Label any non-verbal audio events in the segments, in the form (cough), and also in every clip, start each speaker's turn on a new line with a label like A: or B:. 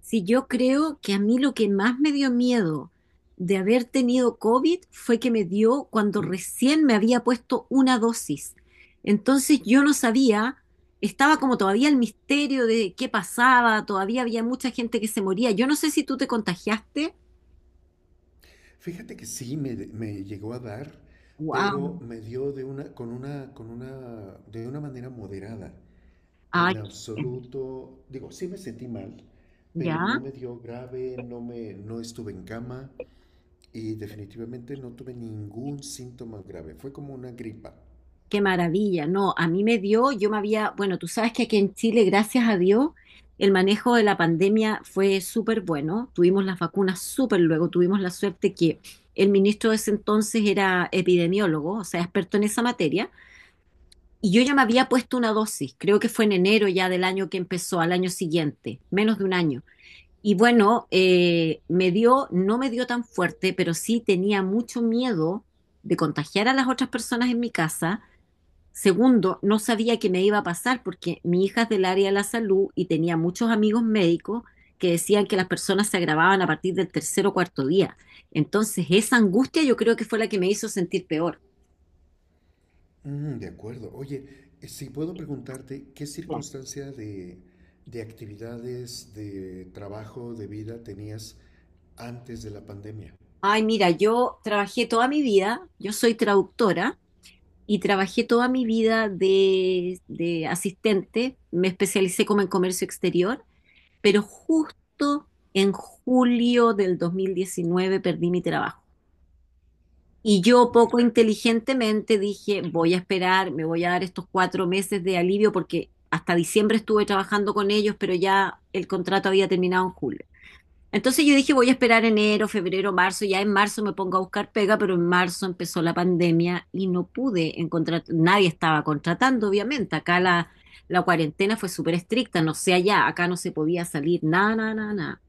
A: Si yo creo que a mí lo que más me dio miedo de haber tenido COVID fue que me dio cuando recién me había puesto una dosis. Entonces yo no sabía, estaba como todavía el misterio de qué pasaba, todavía había mucha gente que se moría. Yo no sé si tú te contagiaste.
B: Fíjate que sí me llegó a dar, pero
A: Wow.
B: me dio de una, con una, con una, de una manera moderada.
A: Ay,
B: En absoluto, digo, sí me sentí mal, pero no
A: ya.
B: me dio grave, no estuve en cama y definitivamente no tuve ningún síntoma grave. Fue como una gripa.
A: Qué maravilla, no, a mí me dio, bueno, tú sabes que aquí en Chile, gracias a Dios, el manejo de la pandemia fue súper bueno, tuvimos las vacunas súper luego, tuvimos la suerte que el ministro de ese entonces era epidemiólogo, o sea, experto en esa materia, y yo ya me había puesto una dosis, creo que fue en enero ya del año que empezó, al año siguiente, menos de un año. Y bueno, me dio, no me dio tan fuerte, pero sí tenía mucho miedo de contagiar a las otras personas en mi casa. Segundo, no sabía qué me iba a pasar porque mi hija es del área de la salud y tenía muchos amigos médicos que decían que las personas se agravaban a partir del tercer o cuarto día. Entonces, esa angustia yo creo que fue la que me hizo sentir peor.
B: Mm, de acuerdo. Oye, si puedo preguntarte, ¿qué
A: Claro.
B: circunstancia de actividades, de trabajo, de vida tenías antes de la pandemia?
A: Ay, mira, yo trabajé toda mi vida, yo soy traductora y trabajé toda mi vida de asistente, me especialicé como en comercio exterior, pero justo en julio del 2019 perdí mi trabajo. Y yo poco inteligentemente dije, voy a esperar, me voy a dar estos 4 meses de alivio porque hasta diciembre estuve trabajando con ellos, pero ya el contrato había terminado en julio. Entonces yo dije, voy a esperar enero, febrero, marzo, ya en marzo me pongo a buscar pega, pero en marzo empezó la pandemia y no pude encontrar, nadie estaba contratando, obviamente. Acá la cuarentena fue súper estricta, no sé allá, acá no se podía salir, nada, nada, nada.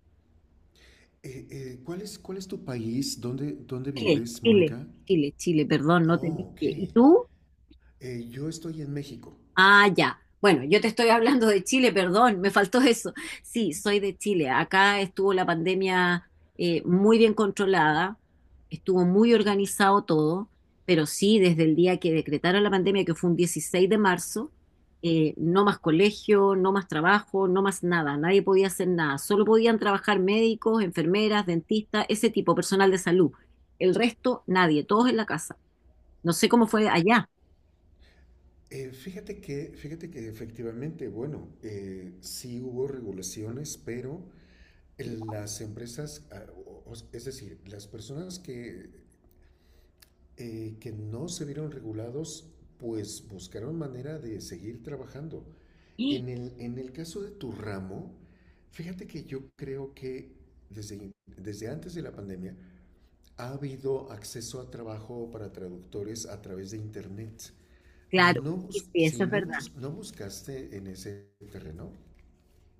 B: ¿Cuál es tu país? ¿Dónde
A: Chile,
B: vives,
A: Chile.
B: Mónica?
A: Chile, Chile, perdón, no te dije.
B: Oh, ok.
A: ¿Y tú?
B: Yo estoy en México.
A: Ah, ya. Bueno, yo te estoy hablando de Chile, perdón, me faltó eso. Sí, soy de Chile. Acá estuvo la pandemia muy bien controlada, estuvo muy organizado todo, pero sí, desde el día que decretaron la pandemia, que fue un 16 de marzo, no más colegio, no más trabajo, no más nada, nadie podía hacer nada. Solo podían trabajar médicos, enfermeras, dentistas, ese tipo, personal de salud. El resto, nadie, todos en la casa. No sé cómo fue allá.
B: Fíjate que efectivamente, bueno, sí hubo regulaciones, pero las empresas, es decir, las personas que no se vieron regulados, pues buscaron manera de seguir trabajando.
A: (gasps) ¡Ah!
B: En el caso de tu ramo, fíjate que yo creo que desde antes de la pandemia, ha habido acceso a trabajo para traductores a través de Internet.
A: Claro,
B: No,
A: sí, sí, eso
B: si
A: es
B: no,
A: verdad.
B: no buscaste en ese terreno.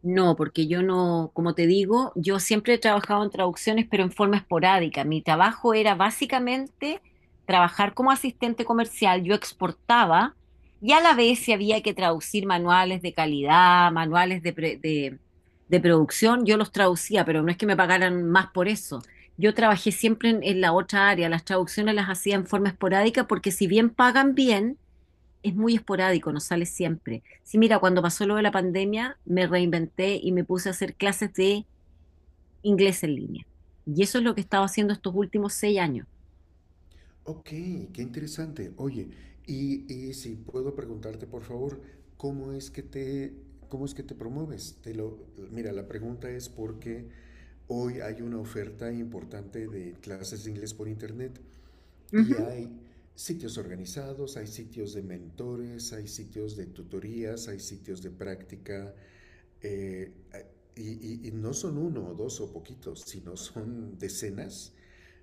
A: No, porque yo no, como te digo, yo siempre he trabajado en traducciones, pero en forma esporádica. Mi trabajo era básicamente trabajar como asistente comercial. Yo exportaba y a la vez si había que traducir manuales de calidad, manuales de producción, yo los traducía, pero no es que me pagaran más por eso. Yo trabajé siempre en la otra área. Las traducciones las hacía en forma esporádica porque si bien pagan bien, es muy esporádico, no sale siempre. Sí, mira, cuando pasó lo de la pandemia, me reinventé y me puse a hacer clases de inglés en línea. Y eso es lo que he estado haciendo estos últimos 6 años.
B: Ok, qué interesante. Oye, y si puedo preguntarte, por favor, ¿cómo es que te, cómo es que te promueves? Mira, la pregunta es porque hoy hay una oferta importante de clases de inglés por internet, y
A: Ujú.
B: hay sitios organizados, hay sitios de mentores, hay sitios de tutorías, hay sitios de práctica, eh, y no son uno o dos o poquitos, sino son decenas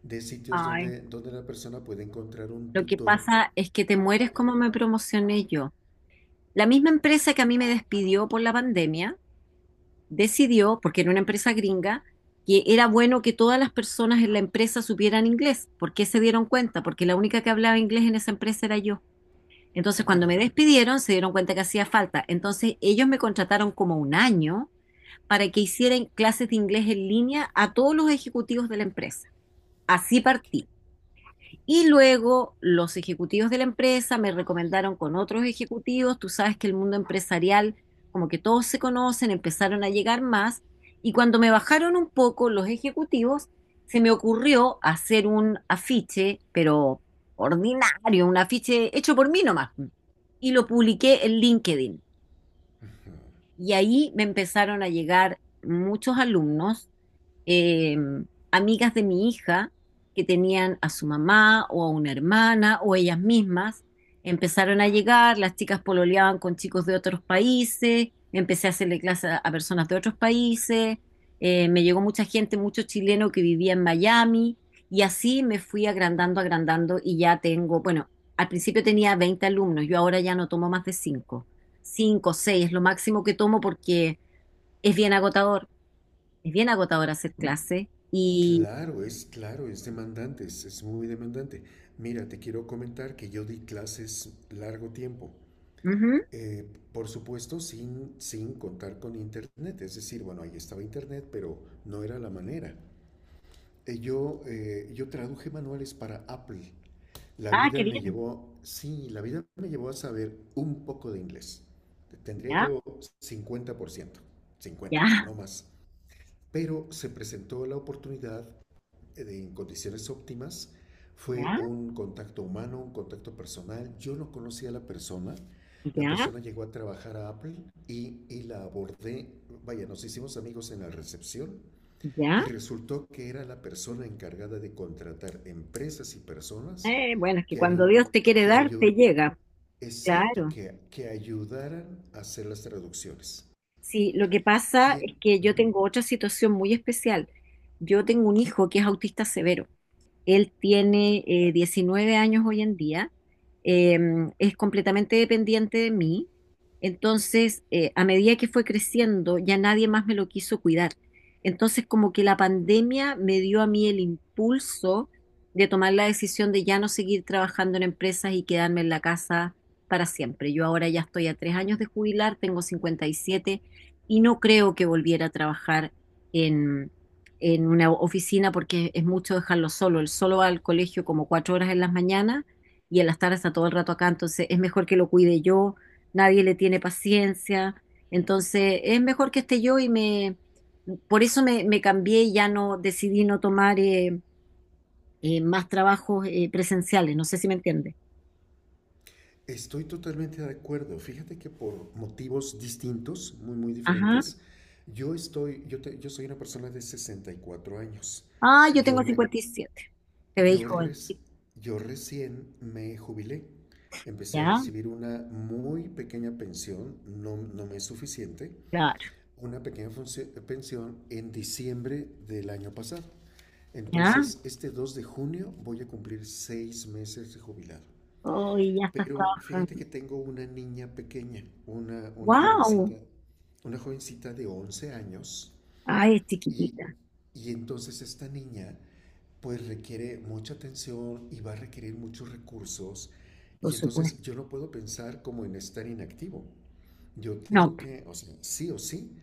B: de sitios
A: Ay,
B: donde, donde la persona puede encontrar un
A: lo que
B: tutor.
A: pasa es que te mueres como me promocioné yo. La misma empresa que a mí me despidió por la pandemia decidió, porque era una empresa gringa, que era bueno que todas las personas en la empresa supieran inglés. ¿Por qué se dieron cuenta? Porque la única que hablaba inglés en esa empresa era yo. Entonces, cuando me despidieron, se dieron cuenta que hacía falta. Entonces, ellos me contrataron como un año para que hicieran clases de inglés en línea a todos los ejecutivos de la empresa. Así partí. Y luego los ejecutivos de la empresa me recomendaron con otros ejecutivos, tú sabes que el mundo empresarial, como que todos se conocen, empezaron a llegar más, y cuando me bajaron un poco los ejecutivos, se me ocurrió hacer un afiche, pero ordinario, un afiche hecho por mí nomás, y lo publiqué en LinkedIn. Y ahí me empezaron a llegar muchos alumnos, eh, amigas de mi hija que tenían a su mamá o a una hermana o ellas mismas. Empezaron a llegar, las chicas pololeaban con chicos de otros países, empecé a hacerle clases a, personas de otros países, me llegó mucha gente, mucho chileno que vivía en Miami y así me fui agrandando, agrandando y ya tengo, bueno, al principio tenía 20 alumnos, yo ahora ya no tomo más de cinco, 5 6 es lo máximo que tomo porque es bien agotador, es bien agotador hacer clase y...
B: Claro, es demandante, es muy demandante. Mira, te quiero comentar que yo di clases largo tiempo.
A: Ujú.
B: Eh, por supuesto, sin contar con internet. Es decir, bueno, ahí estaba internet, pero no era la manera. Yo traduje manuales para Apple. La
A: Ah,
B: vida
A: qué
B: me
A: bien.
B: llevó, sí, la vida me llevó a saber un poco de inglés. Tendría
A: Ya,
B: yo 50%, 50,
A: ya,
B: no más. Pero se presentó la oportunidad, en condiciones óptimas. Fue
A: ya,
B: un contacto humano, un contacto personal. Yo no conocía a la persona. La
A: ya,
B: persona llegó a trabajar a Apple, y la abordé. Vaya, nos hicimos amigos en la recepción
A: ya.
B: y resultó que era la persona encargada de contratar empresas y personas
A: Bueno, es que
B: que,
A: cuando
B: ayu-
A: Dios te quiere
B: que,
A: dar, te
B: ayu-
A: llega.
B: exacto,
A: Claro.
B: que ayudaran a hacer las traducciones.
A: Sí, lo que
B: Y
A: pasa es que yo tengo otra situación muy especial. Yo tengo un hijo que es autista severo. Él tiene 19 años hoy en día, eh, es completamente dependiente de mí. Entonces, a medida que fue creciendo, ya nadie más me lo quiso cuidar. Entonces, como que la pandemia me dio a mí el impulso de tomar la decisión de ya no seguir trabajando en empresas y quedarme en la casa para siempre. Yo ahora ya estoy a 3 años de jubilar, tengo 57 y siete y no creo que volviera a trabajar en una oficina porque es mucho dejarlo solo. Él solo va al colegio como 4 horas en las mañanas y en las tardes está todo el rato acá, entonces es mejor que lo cuide yo, nadie le tiene paciencia, entonces es mejor que esté yo por eso me cambié y ya no decidí no tomar más trabajos presenciales, no sé si me entiende.
B: estoy totalmente de acuerdo. Fíjate que por motivos distintos, muy, muy
A: Ajá.
B: diferentes, yo estoy, yo, te- yo soy una persona de 64 años.
A: Ah, yo
B: Yo
A: tengo
B: me,
A: 57. Te veis
B: Yo,
A: joven.
B: reci-
A: Sí,
B: yo recién me jubilé. Empecé a
A: ya,
B: recibir una muy pequeña pensión, no, no me es suficiente,
A: claro.
B: una pequeña pensión en diciembre del año pasado.
A: Ya.
B: Entonces, este 2 de junio voy a cumplir 6 meses de jubilado.
A: Hoy ya estás
B: Pero fíjate
A: trabajando.
B: que tengo una niña pequeña, una, una jovencita,
A: ¡Wow!
B: una jovencita de 11 años,
A: Ay, es
B: y,
A: chiquitita.
B: y entonces esta niña pues requiere mucha atención y va a requerir muchos recursos.
A: Por
B: Y
A: supuesto.
B: entonces yo no puedo pensar como en estar inactivo. Yo
A: No.
B: tengo que, o sea, sí o sí,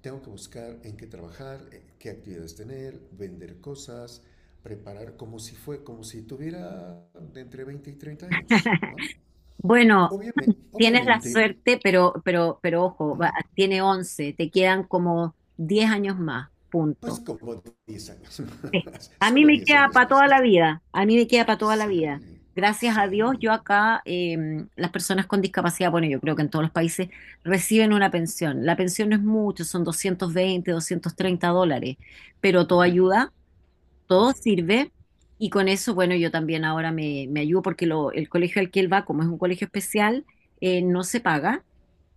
B: tengo que buscar en qué trabajar, qué actividades tener, vender cosas, preparar como si tuviera de entre 20 y 30 años, ¿no?
A: (laughs) Bueno,
B: Obviamente,
A: tienes la
B: obviamente
A: suerte, pero, pero ojo, tiene 11, te quedan como 10 años más,
B: pues
A: punto.
B: como 10 años más, (laughs)
A: A mí
B: solo
A: me
B: 10
A: queda
B: años
A: para
B: más.
A: toda la vida, a mí me queda para toda la vida.
B: Sí,
A: Gracias a Dios,
B: sí,
A: yo acá, las personas con discapacidad, bueno, yo creo que en todos los países reciben una pensión. La pensión no es mucho, son 220, 230 dólares, pero todo ayuda, todo
B: claro.
A: sirve. Y con eso, bueno, yo también ahora me, ayudo porque el colegio al que él va, como es un colegio especial, no se paga.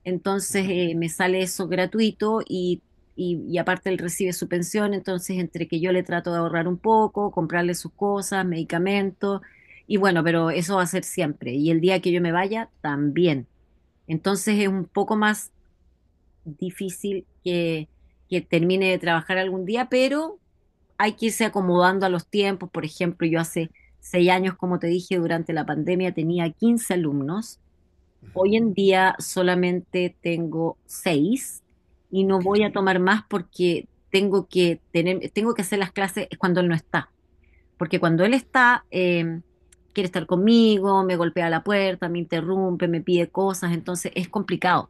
A: Entonces me sale eso gratuito y, y aparte él recibe su pensión. Entonces entre que yo le trato de ahorrar un poco, comprarle sus cosas, medicamentos. Y bueno, pero eso va a ser siempre. Y el día que yo me vaya, también. Entonces es un poco más difícil que termine de trabajar algún día, pero hay que irse acomodando a los tiempos. Por ejemplo, yo hace 6 años, como te dije, durante la pandemia tenía 15 alumnos. Hoy
B: Ujú.
A: en día solamente tengo seis y no
B: Ok.
A: voy a tomar más porque tengo que tener, tengo que hacer las clases cuando él no está. Porque cuando él está, quiere estar conmigo, me golpea la puerta, me interrumpe, me pide cosas, entonces es complicado.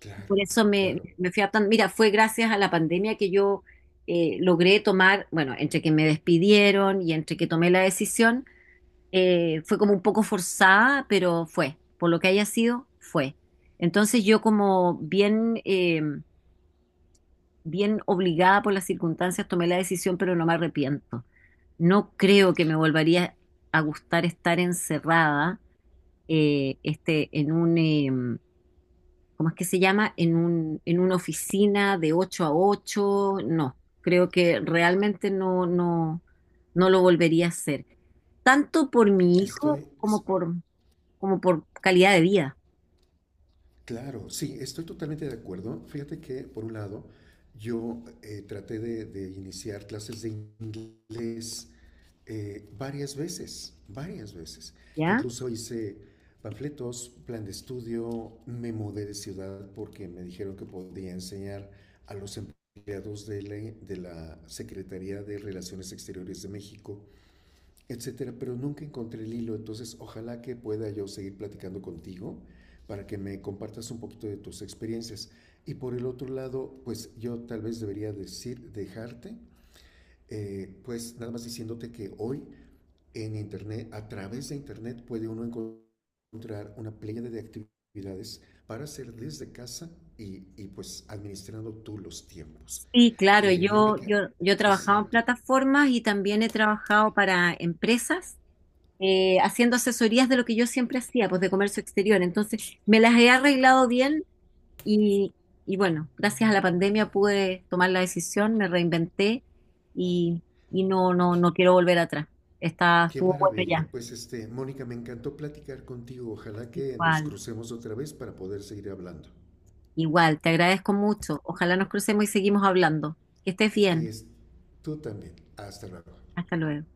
B: Claro,
A: Por eso me,
B: claro.
A: me fui adaptando. Mira, fue gracias a la pandemia que yo logré tomar, bueno, entre que me despidieron y entre que tomé la decisión, fue como un poco forzada, pero fue. Por lo que haya sido, fue. Entonces yo como bien obligada por las circunstancias tomé la decisión, pero no me arrepiento. No creo que me volvería a gustar estar encerrada este, ¿cómo es que se llama? En una oficina de 8 a 8. No, creo que realmente no, no, no lo volvería a hacer, tanto por mi hijo
B: Estoy, es-
A: como por calidad de vida,
B: claro, sí, estoy totalmente de acuerdo. Fíjate que, por un lado, yo traté de iniciar clases de inglés, varias veces, varias veces.
A: ¿ya?
B: Incluso hice panfletos, plan de estudio, me mudé de ciudad porque me dijeron que podía enseñar a los empleados de la Secretaría de Relaciones Exteriores de México, etcétera, pero nunca encontré el hilo. Entonces, ojalá que pueda yo seguir platicando contigo para que me compartas un poquito de tus experiencias. Y por el otro lado, pues yo tal vez debería decir, dejarte, pues nada más diciéndote que hoy en Internet, a través de Internet, puede uno encontrar una playa de actividades para hacer desde casa, y pues administrando tú los tiempos.
A: Sí, claro, yo,
B: Mónica,
A: yo, yo he trabajado en
B: exacto.
A: plataformas y también he trabajado para empresas. Haciendo asesorías de lo que yo siempre hacía, pues de comercio exterior. Entonces, me las he arreglado bien. Y, y bueno, gracias a la pandemia pude tomar la decisión, me reinventé y, y no, no, no quiero volver atrás. Está,
B: Qué
A: estuvo bueno
B: maravilla.
A: ya.
B: Pues este, Mónica, me encantó platicar contigo. Ojalá que nos
A: Igual,
B: crucemos otra vez para poder seguir hablando.
A: igual, te agradezco mucho. Ojalá nos crucemos y seguimos hablando. Que estés
B: Que
A: bien.
B: es tú también. Hasta luego.
A: Hasta luego.